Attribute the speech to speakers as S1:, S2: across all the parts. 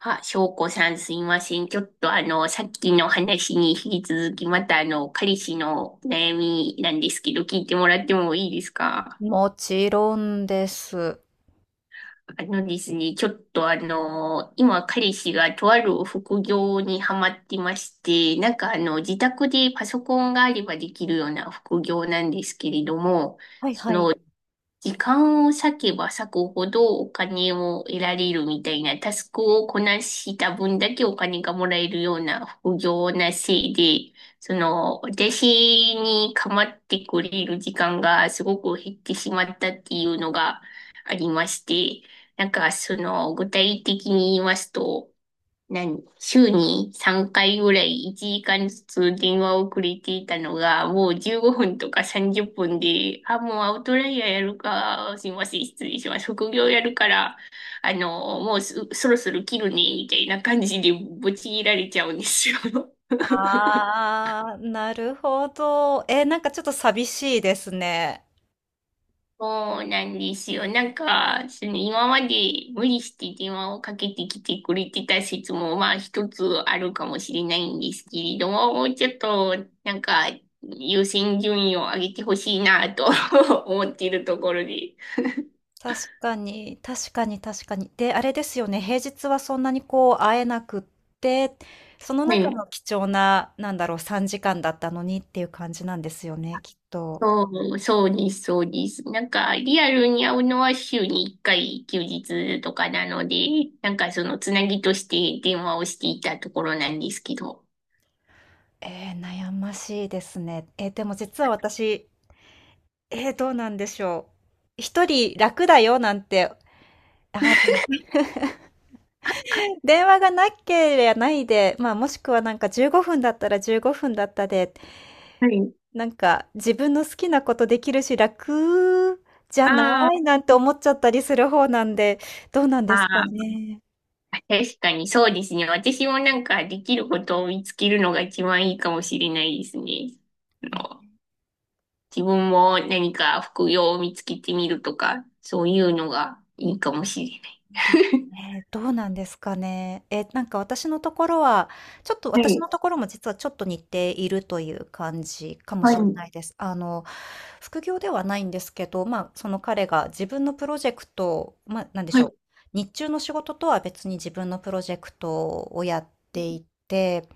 S1: あ、翔子さんすいません。ちょっとさっきの話に引き続き、また彼氏の悩みなんですけど、聞いてもらってもいいですか？
S2: もちろんです。
S1: あのですね、ちょっと今彼氏がとある副業にハマってまして、自宅でパソコンがあればできるような副業なんですけれども、
S2: はいはい。
S1: 時間を割けば割くほどお金を得られるみたいな、タスクをこなした分だけお金がもらえるような副業なせいで、その、私に構ってくれる時間がすごく減ってしまったっていうのがありまして、なんかその、具体的に言いますと、何週に3回ぐらい1時間ずつ電話をくれていたのが、もう15分とか30分で、あ、もうアウトライヤーやるか、すいません、失礼します。副業やるから、もうすそろそろ切るね、みたいな感じでぶち切られちゃうんですよ。
S2: ああ、なるほど。え、なんかちょっと寂しいですね。
S1: そうなんですよ。なんか、その今まで無理して電話をかけてきてくれてた説も、まあ一つあるかもしれないんですけれども、もうちょっと、なんか、優先順位を上げてほしいなと 思っているところで。
S2: 確かに、確かに、確かに。で、あれですよね。平日はそんなにこう会えなくって、その
S1: は
S2: 中
S1: い。
S2: の貴重な、なんだろう、3時間だったのにっていう感じなんですよね、きっと。
S1: そそうです、そうです。なんか、リアルに会うのは週に1回休日とかなので、なんかそのつなぎとして電話をしていたところなんですけど。
S2: 悩ましいですね。でも実は私、どうなんでしょう。一人楽だよなんて、でも電話がなければないで、まあ、もしくはなんか15分だったら15分だったで、
S1: はい。
S2: なんか自分の好きなことできるし、楽じゃな
S1: あ
S2: い
S1: ー
S2: なんて思っちゃったりする方なんで、どうなんで
S1: あ
S2: すか
S1: ー。
S2: ね。
S1: 確かにそうですね。私もなんかできることを見つけるのが一番いいかもしれないですね。あの、自分も何か副業を見つけてみるとか、そういうのがいいかもしれない。
S2: で、ね、どうなんですかね。え、なんか
S1: は
S2: 私
S1: い、
S2: のところも実はちょっと似ているという感じかも
S1: はい、
S2: しれないです。副業ではないんですけど、まあ、その彼が自分のプロジェクトを、まあ、なんでし
S1: は
S2: ょ
S1: い、
S2: う。日中の仕事とは別に自分のプロジェクトをやっていて、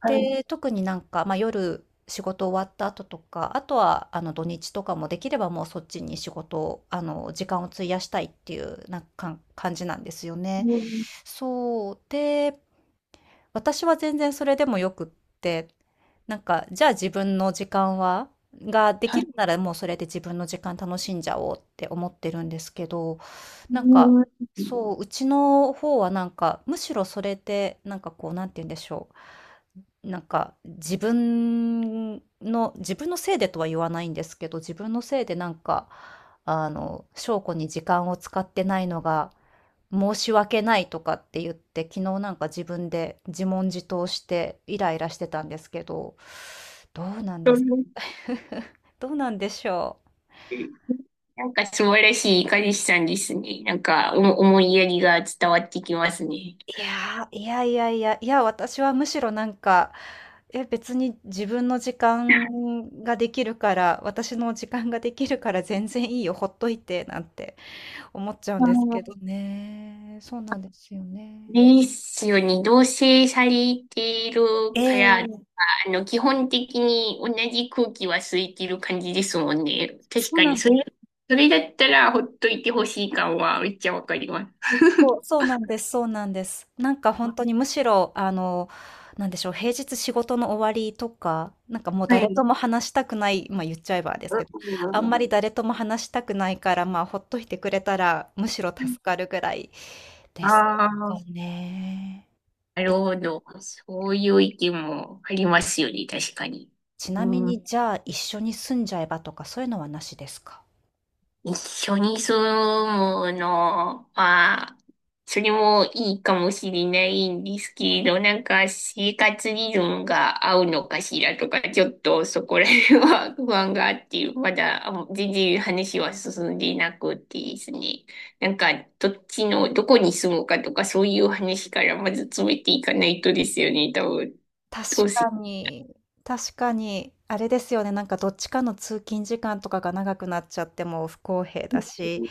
S1: はい、
S2: で、特になんか、まあ、夜仕事終わった後とか、あとは土日とかもできればもうそっちに仕事を、あの時間を費やしたいっていうなんか感じなんですよね。
S1: うん、
S2: そう。で、私は全然それでもよくって、なんか、じゃあ自分の時間は、がで
S1: は
S2: き
S1: い、
S2: るならもうそれで自分の時間楽しんじゃおうって思ってるんですけど、
S1: う
S2: なんか、
S1: ん。
S2: そう、うちの方はなんか、むしろそれで、なんかこう、なんて言うんでしょう。なんか自分のせいでとは言わないんですけど、自分のせいでなんか、翔子に時間を使ってないのが申し訳ないとかって言って、昨日なんか自分で自問自答してイライラしてたんですけど、どうなんです どうなんでしょう。
S1: なんか素晴らしい彼氏さんですね。なんかお思いやりが伝わってきますね。
S2: いやー、いやいやいや、いや、私はむしろなんか、え、別に自分の時間ができるから、私の時間ができるから全然いいよ、ほっといて、なんて思っちゃうん
S1: あ
S2: ですけ
S1: の
S2: どね。そうなんですよね。
S1: ですよね。同棲されている
S2: え
S1: から、
S2: え、
S1: あの、基本的に同じ空気は吸いてる感じですもんね。確
S2: そう
S1: か
S2: な
S1: に、
S2: ん
S1: そ
S2: ですよ、
S1: れ、それだったらほっといてほしい感はめっちゃわかります。
S2: そう、そうなんです、そうなんです。なんか本当にむしろ、なんでしょう、平日仕事の終わりとか、なんかもう
S1: は
S2: 誰
S1: い。
S2: とも話したくない、まあ言っちゃえばですけど、あんまり誰とも話したくないから、まあほっといてくれたらむしろ助かるぐらいです
S1: ああー、
S2: かね。
S1: なるほど。そういう意見もありますよね、確かに。
S2: ちなみ
S1: うん。
S2: に、じゃあ一緒に住んじゃえばとかそういうのはなしですか？
S1: 一緒に住むのは、それもいいかもしれないんですけど、なんか生活リズムが合うのかしらとか、ちょっとそこら辺は 不安があって、まだあの全然話は進んでいなくてですね。なんかどっちの、どこに住むかとか、そういう話からまず詰めていかないとですよね、多分。どう
S2: 確
S1: せ。
S2: かに、確かに、あれですよね、なんかどっちかの通勤時間とかが長くなっちゃっても不公平だし、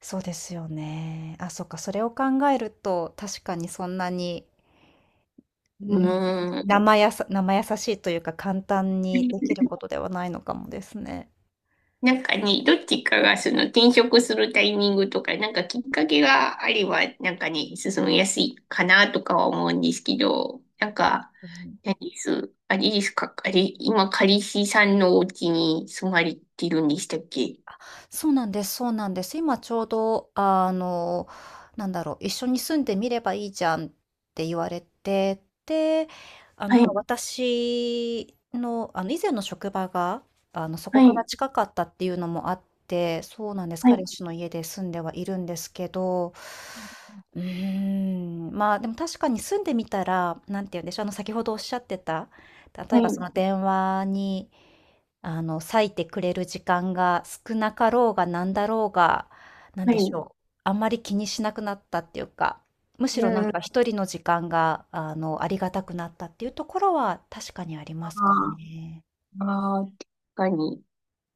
S2: そうですよね。あ、そっか、それを考えると、確かにそんなに、う
S1: う
S2: ん、
S1: ーん。
S2: 生やさ生易しいというか、簡単にできることではないのかもですね。
S1: なんかね、どっちかがその転職するタイミングとか、なんかきっかけがあれば、なんかね、進みやすいかなとかは思うんですけど、なんか、
S2: うん。
S1: 何です、あれですか、あれ、今、彼氏さんのお家に住まれてるんでしたっけ？
S2: そうなんですそうなんです。今ちょうど、なんだろう、一緒に住んでみればいいじゃんって言われて、で、
S1: は
S2: まあ、
S1: い、
S2: 私の、以前の職場が、そこ
S1: は
S2: から
S1: い、
S2: 近かったっていうのもあって、そうなんです。
S1: はい、
S2: 彼氏の家で住んではいるんですけど、うーん、まあ、でも確かに住んでみたら、なんて言うんでしょう、先ほどおっしゃってた、例
S1: は
S2: えばそ
S1: い、
S2: の電話に、割いてくれる時間が少なかろうがなんだろうが、なん
S1: は
S2: でし
S1: い。
S2: ょう、あんまり気にしなくなったっていうか、むし
S1: う
S2: ろなんか
S1: ん、
S2: 一人の時間が、ありがたくなったっていうところは確かにあり
S1: あ
S2: ますかね。
S1: ーあー、確かに。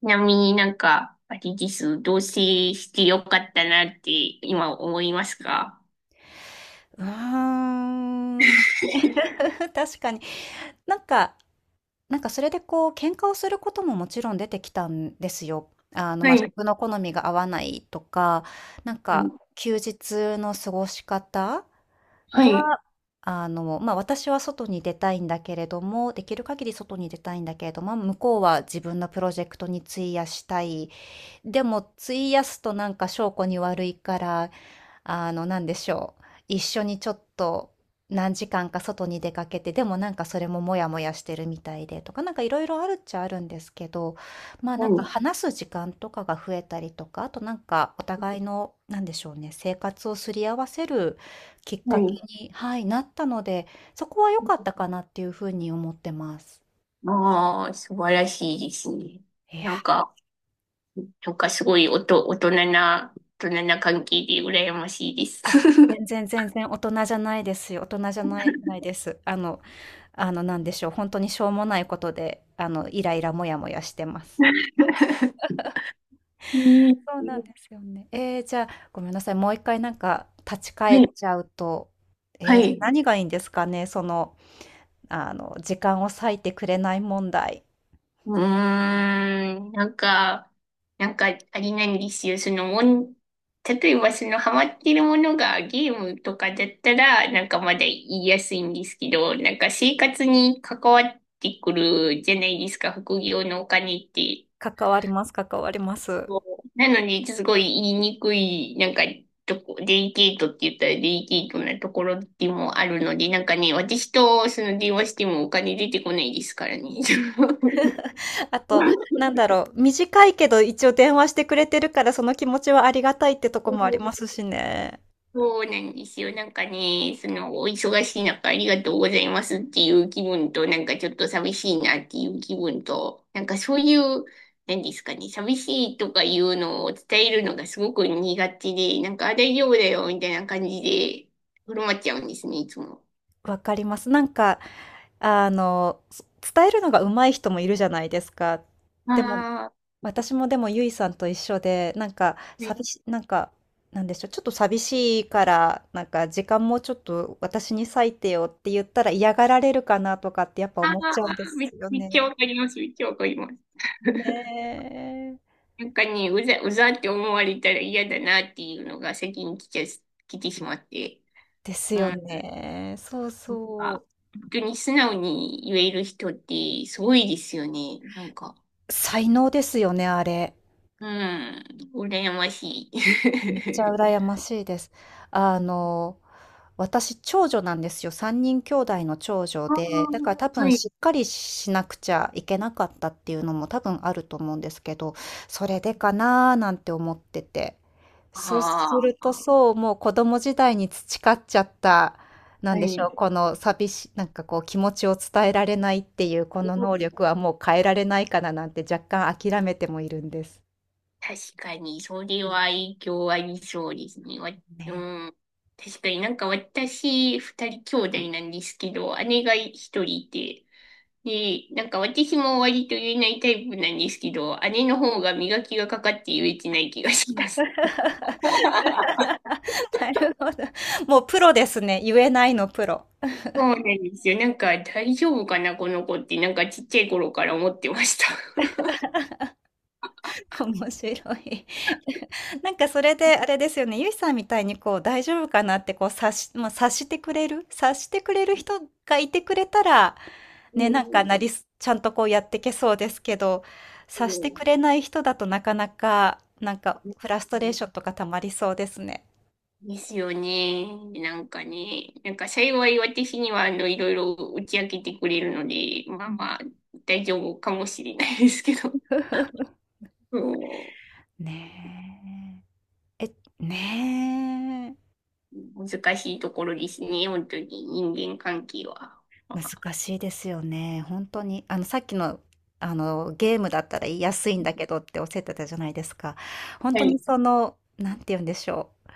S1: ちなみになんか、あれです、同棲してよかったなって今思いますか？
S2: うーん、確かに。なんか、それでこう、喧嘩をすることももちろん出てきたんですよ。
S1: は
S2: ま、
S1: い、
S2: 食の好みが合わないとか、なんか休日の過ごし方
S1: はい。
S2: が、ま、私は外に出たいんだけれども、できる限り外に出たいんだけれども、向こうは自分のプロジェクトに費やしたい。でも費やすとなんか証拠に悪いからなんでしょう。一緒にちょっと何時間か外に出かけて、でもなんかそれもモヤモヤしてるみたいでとか、なんかいろいろあるっちゃあるんですけど、まあ
S1: は
S2: なんか
S1: い。
S2: 話す時間とかが増えたりとか、あとなんかお互いの、なんでしょうね、生活をすり合わせるきっ
S1: は
S2: かけ
S1: い。
S2: に、はい、なったので、そこは良かったかなっていうふうに思ってます。
S1: ああ、素晴らしいですね。
S2: いや、
S1: なんか、なんかすごいおと、大人な、大人な関係で羨ましいです。
S2: あ、全然大人じゃないですよ。大人じゃないです。なんでしょう、本当にしょうもないことで、イライラモヤモヤしてます。
S1: ね
S2: そうなんですよね。ええ、じゃあ、ごめんなさい、もう1回なんか立ち返っち
S1: え。
S2: ゃうと、
S1: は
S2: え
S1: い、
S2: え、
S1: は
S2: じゃ、
S1: い。
S2: 何がいいんですかね、その、時間を割いてくれない問題。
S1: うーん、なんか、なんか、あれなんですよ。そのもん、例えばそのハマってるものがゲームとかだったら、なんかまだ言いやすいんですけど、なんか生活に関わってくるじゃないですか、副業のお金って。
S2: 関わります関わります。
S1: そうなのに、すごい言いにくい、なんか、とこ、デリケートって言ったらデリケートなところでもあるので、なんかね、私とその電話してもお金出てこないですからね。
S2: あと、なんだろう、短いけど一応電話してくれてるから、その気持ちはありがたいってとこもありますしね。
S1: そうなんですよ。なんかね、その、お忙しい中ありがとうございますっていう気分と、なんかちょっと寂しいなっていう気分と、なんかそういう、何ですかね、寂しいとかいうのを伝えるのがすごく苦手で、なんかあ大丈夫だよみたいな感じで、振る舞っちゃうんですね、いつも。
S2: わかります。なんか、あの、つ伝えるのが上手い人もいるじゃないですか。でも
S1: あ
S2: 私もでもゆいさんと一緒で、なんか、
S1: ー、ね、
S2: なんか、なんでしょう、ちょっと寂しいから、なんか、時間もちょっと私に割いてよって言ったら嫌がられるかなとかってやっぱ
S1: あ
S2: 思っちゃうんで
S1: ー、
S2: すよ
S1: めっちゃ
S2: ね。
S1: わかります、めっちゃわかります。
S2: ねえ。
S1: なんかね、うざって思われたら嫌だなっていうのが先に来ちゃ、来てしまって。
S2: です
S1: う
S2: よ
S1: ん
S2: ね。そうそ
S1: か、本当に素直に言える人ってすごいですよね。なんか、
S2: う。才能ですよね、あれ。
S1: うん、羨ましい。
S2: めっちゃ 羨ましいです。あの、私、長女なんですよ。3人兄弟の長女
S1: あ
S2: で、だか
S1: ー、
S2: ら多
S1: は
S2: 分
S1: い。
S2: しっかりしなくちゃいけなかったっていうのも多分あると思うんですけど、それでかなーなんて思ってて。そうす
S1: あ
S2: ると
S1: あ、
S2: そう、もう子供時代に培っちゃった、な
S1: は
S2: んでしょ
S1: い。
S2: う、この寂し、なんかこう気持ちを伝えられないっていうこ
S1: う
S2: の能
S1: ん。
S2: 力はもう変えられないかななんて若干諦めてもいるんです。
S1: 確かに、それは影響ありそうですね。わ、う
S2: ね。
S1: ん。確かになんか私、二人兄弟なんですけど、姉が一人いて、で、なんか私も割と言えないタイプなんですけど、姉の方が磨きがかかって言えてない気がします。
S2: なるほど。もうプロですね。言えないのプロ。
S1: そうなんですよ。なんか大丈夫かな、この子って、なんかちっちゃい頃から思ってました。
S2: 面白い。なんかそれであれですよね、ゆいさんみたいにこう大丈夫かなってこうまあ、察してくれる、察してくれる人がいてくれたら、
S1: う
S2: ね、なんか
S1: ん。
S2: なりす、ちゃんとこうやってけそうですけど、
S1: う
S2: 察して
S1: ん。
S2: く れない人だとなかなか、なんかフラストレーションとか溜まりそうですね。
S1: ですよね。なんかね、なんか幸い私にはあのいろいろ打ち明けてくれるので、まあまあ大丈夫かもしれないですけど、そ
S2: ねえ。え、ねえ。
S1: う、難しいところですね、本当に人間関係は。まあ、
S2: 難しいですよね。本当に、さっきの、ゲームだったら言いやすいんだけどっておっしゃってたじゃないですか。本
S1: は
S2: 当に
S1: い。
S2: その、なんて言うんでしょう、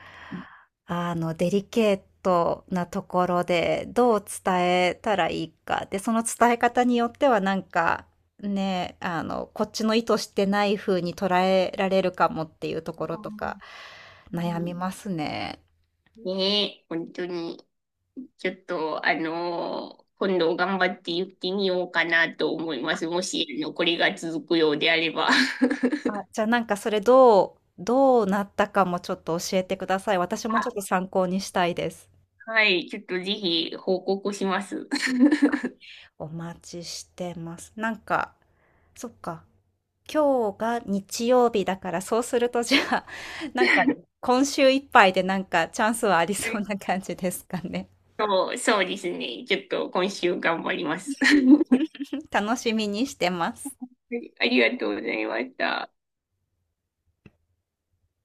S2: デリケートなところで、どう伝えたらいいか、で、その伝え方によってはなんか、ね、こっちの意図してない風に捉えられるかもっていうところとか、
S1: う
S2: 悩
S1: ん。
S2: みますね。
S1: ねえ、本当に。ちょっと、あの、今度頑張って言ってみようかなと思います。もし、あの、これが続くようであれば。
S2: じゃあなんかそれどうなったかもちょっと教えてください。私も
S1: あ、
S2: ちょっと参考にしたいです。
S1: はい、ちょっとぜひ報告します。
S2: お待ちしてます。なんか、そっか。今日が日曜日だから、そうするとじゃあ、なんか今週いっぱいでなんかチャンスはありそうな 感じですかね。
S1: そうですね。ちょっと今週頑張ります。
S2: 楽しみにしてます。
S1: はいありがとうございました。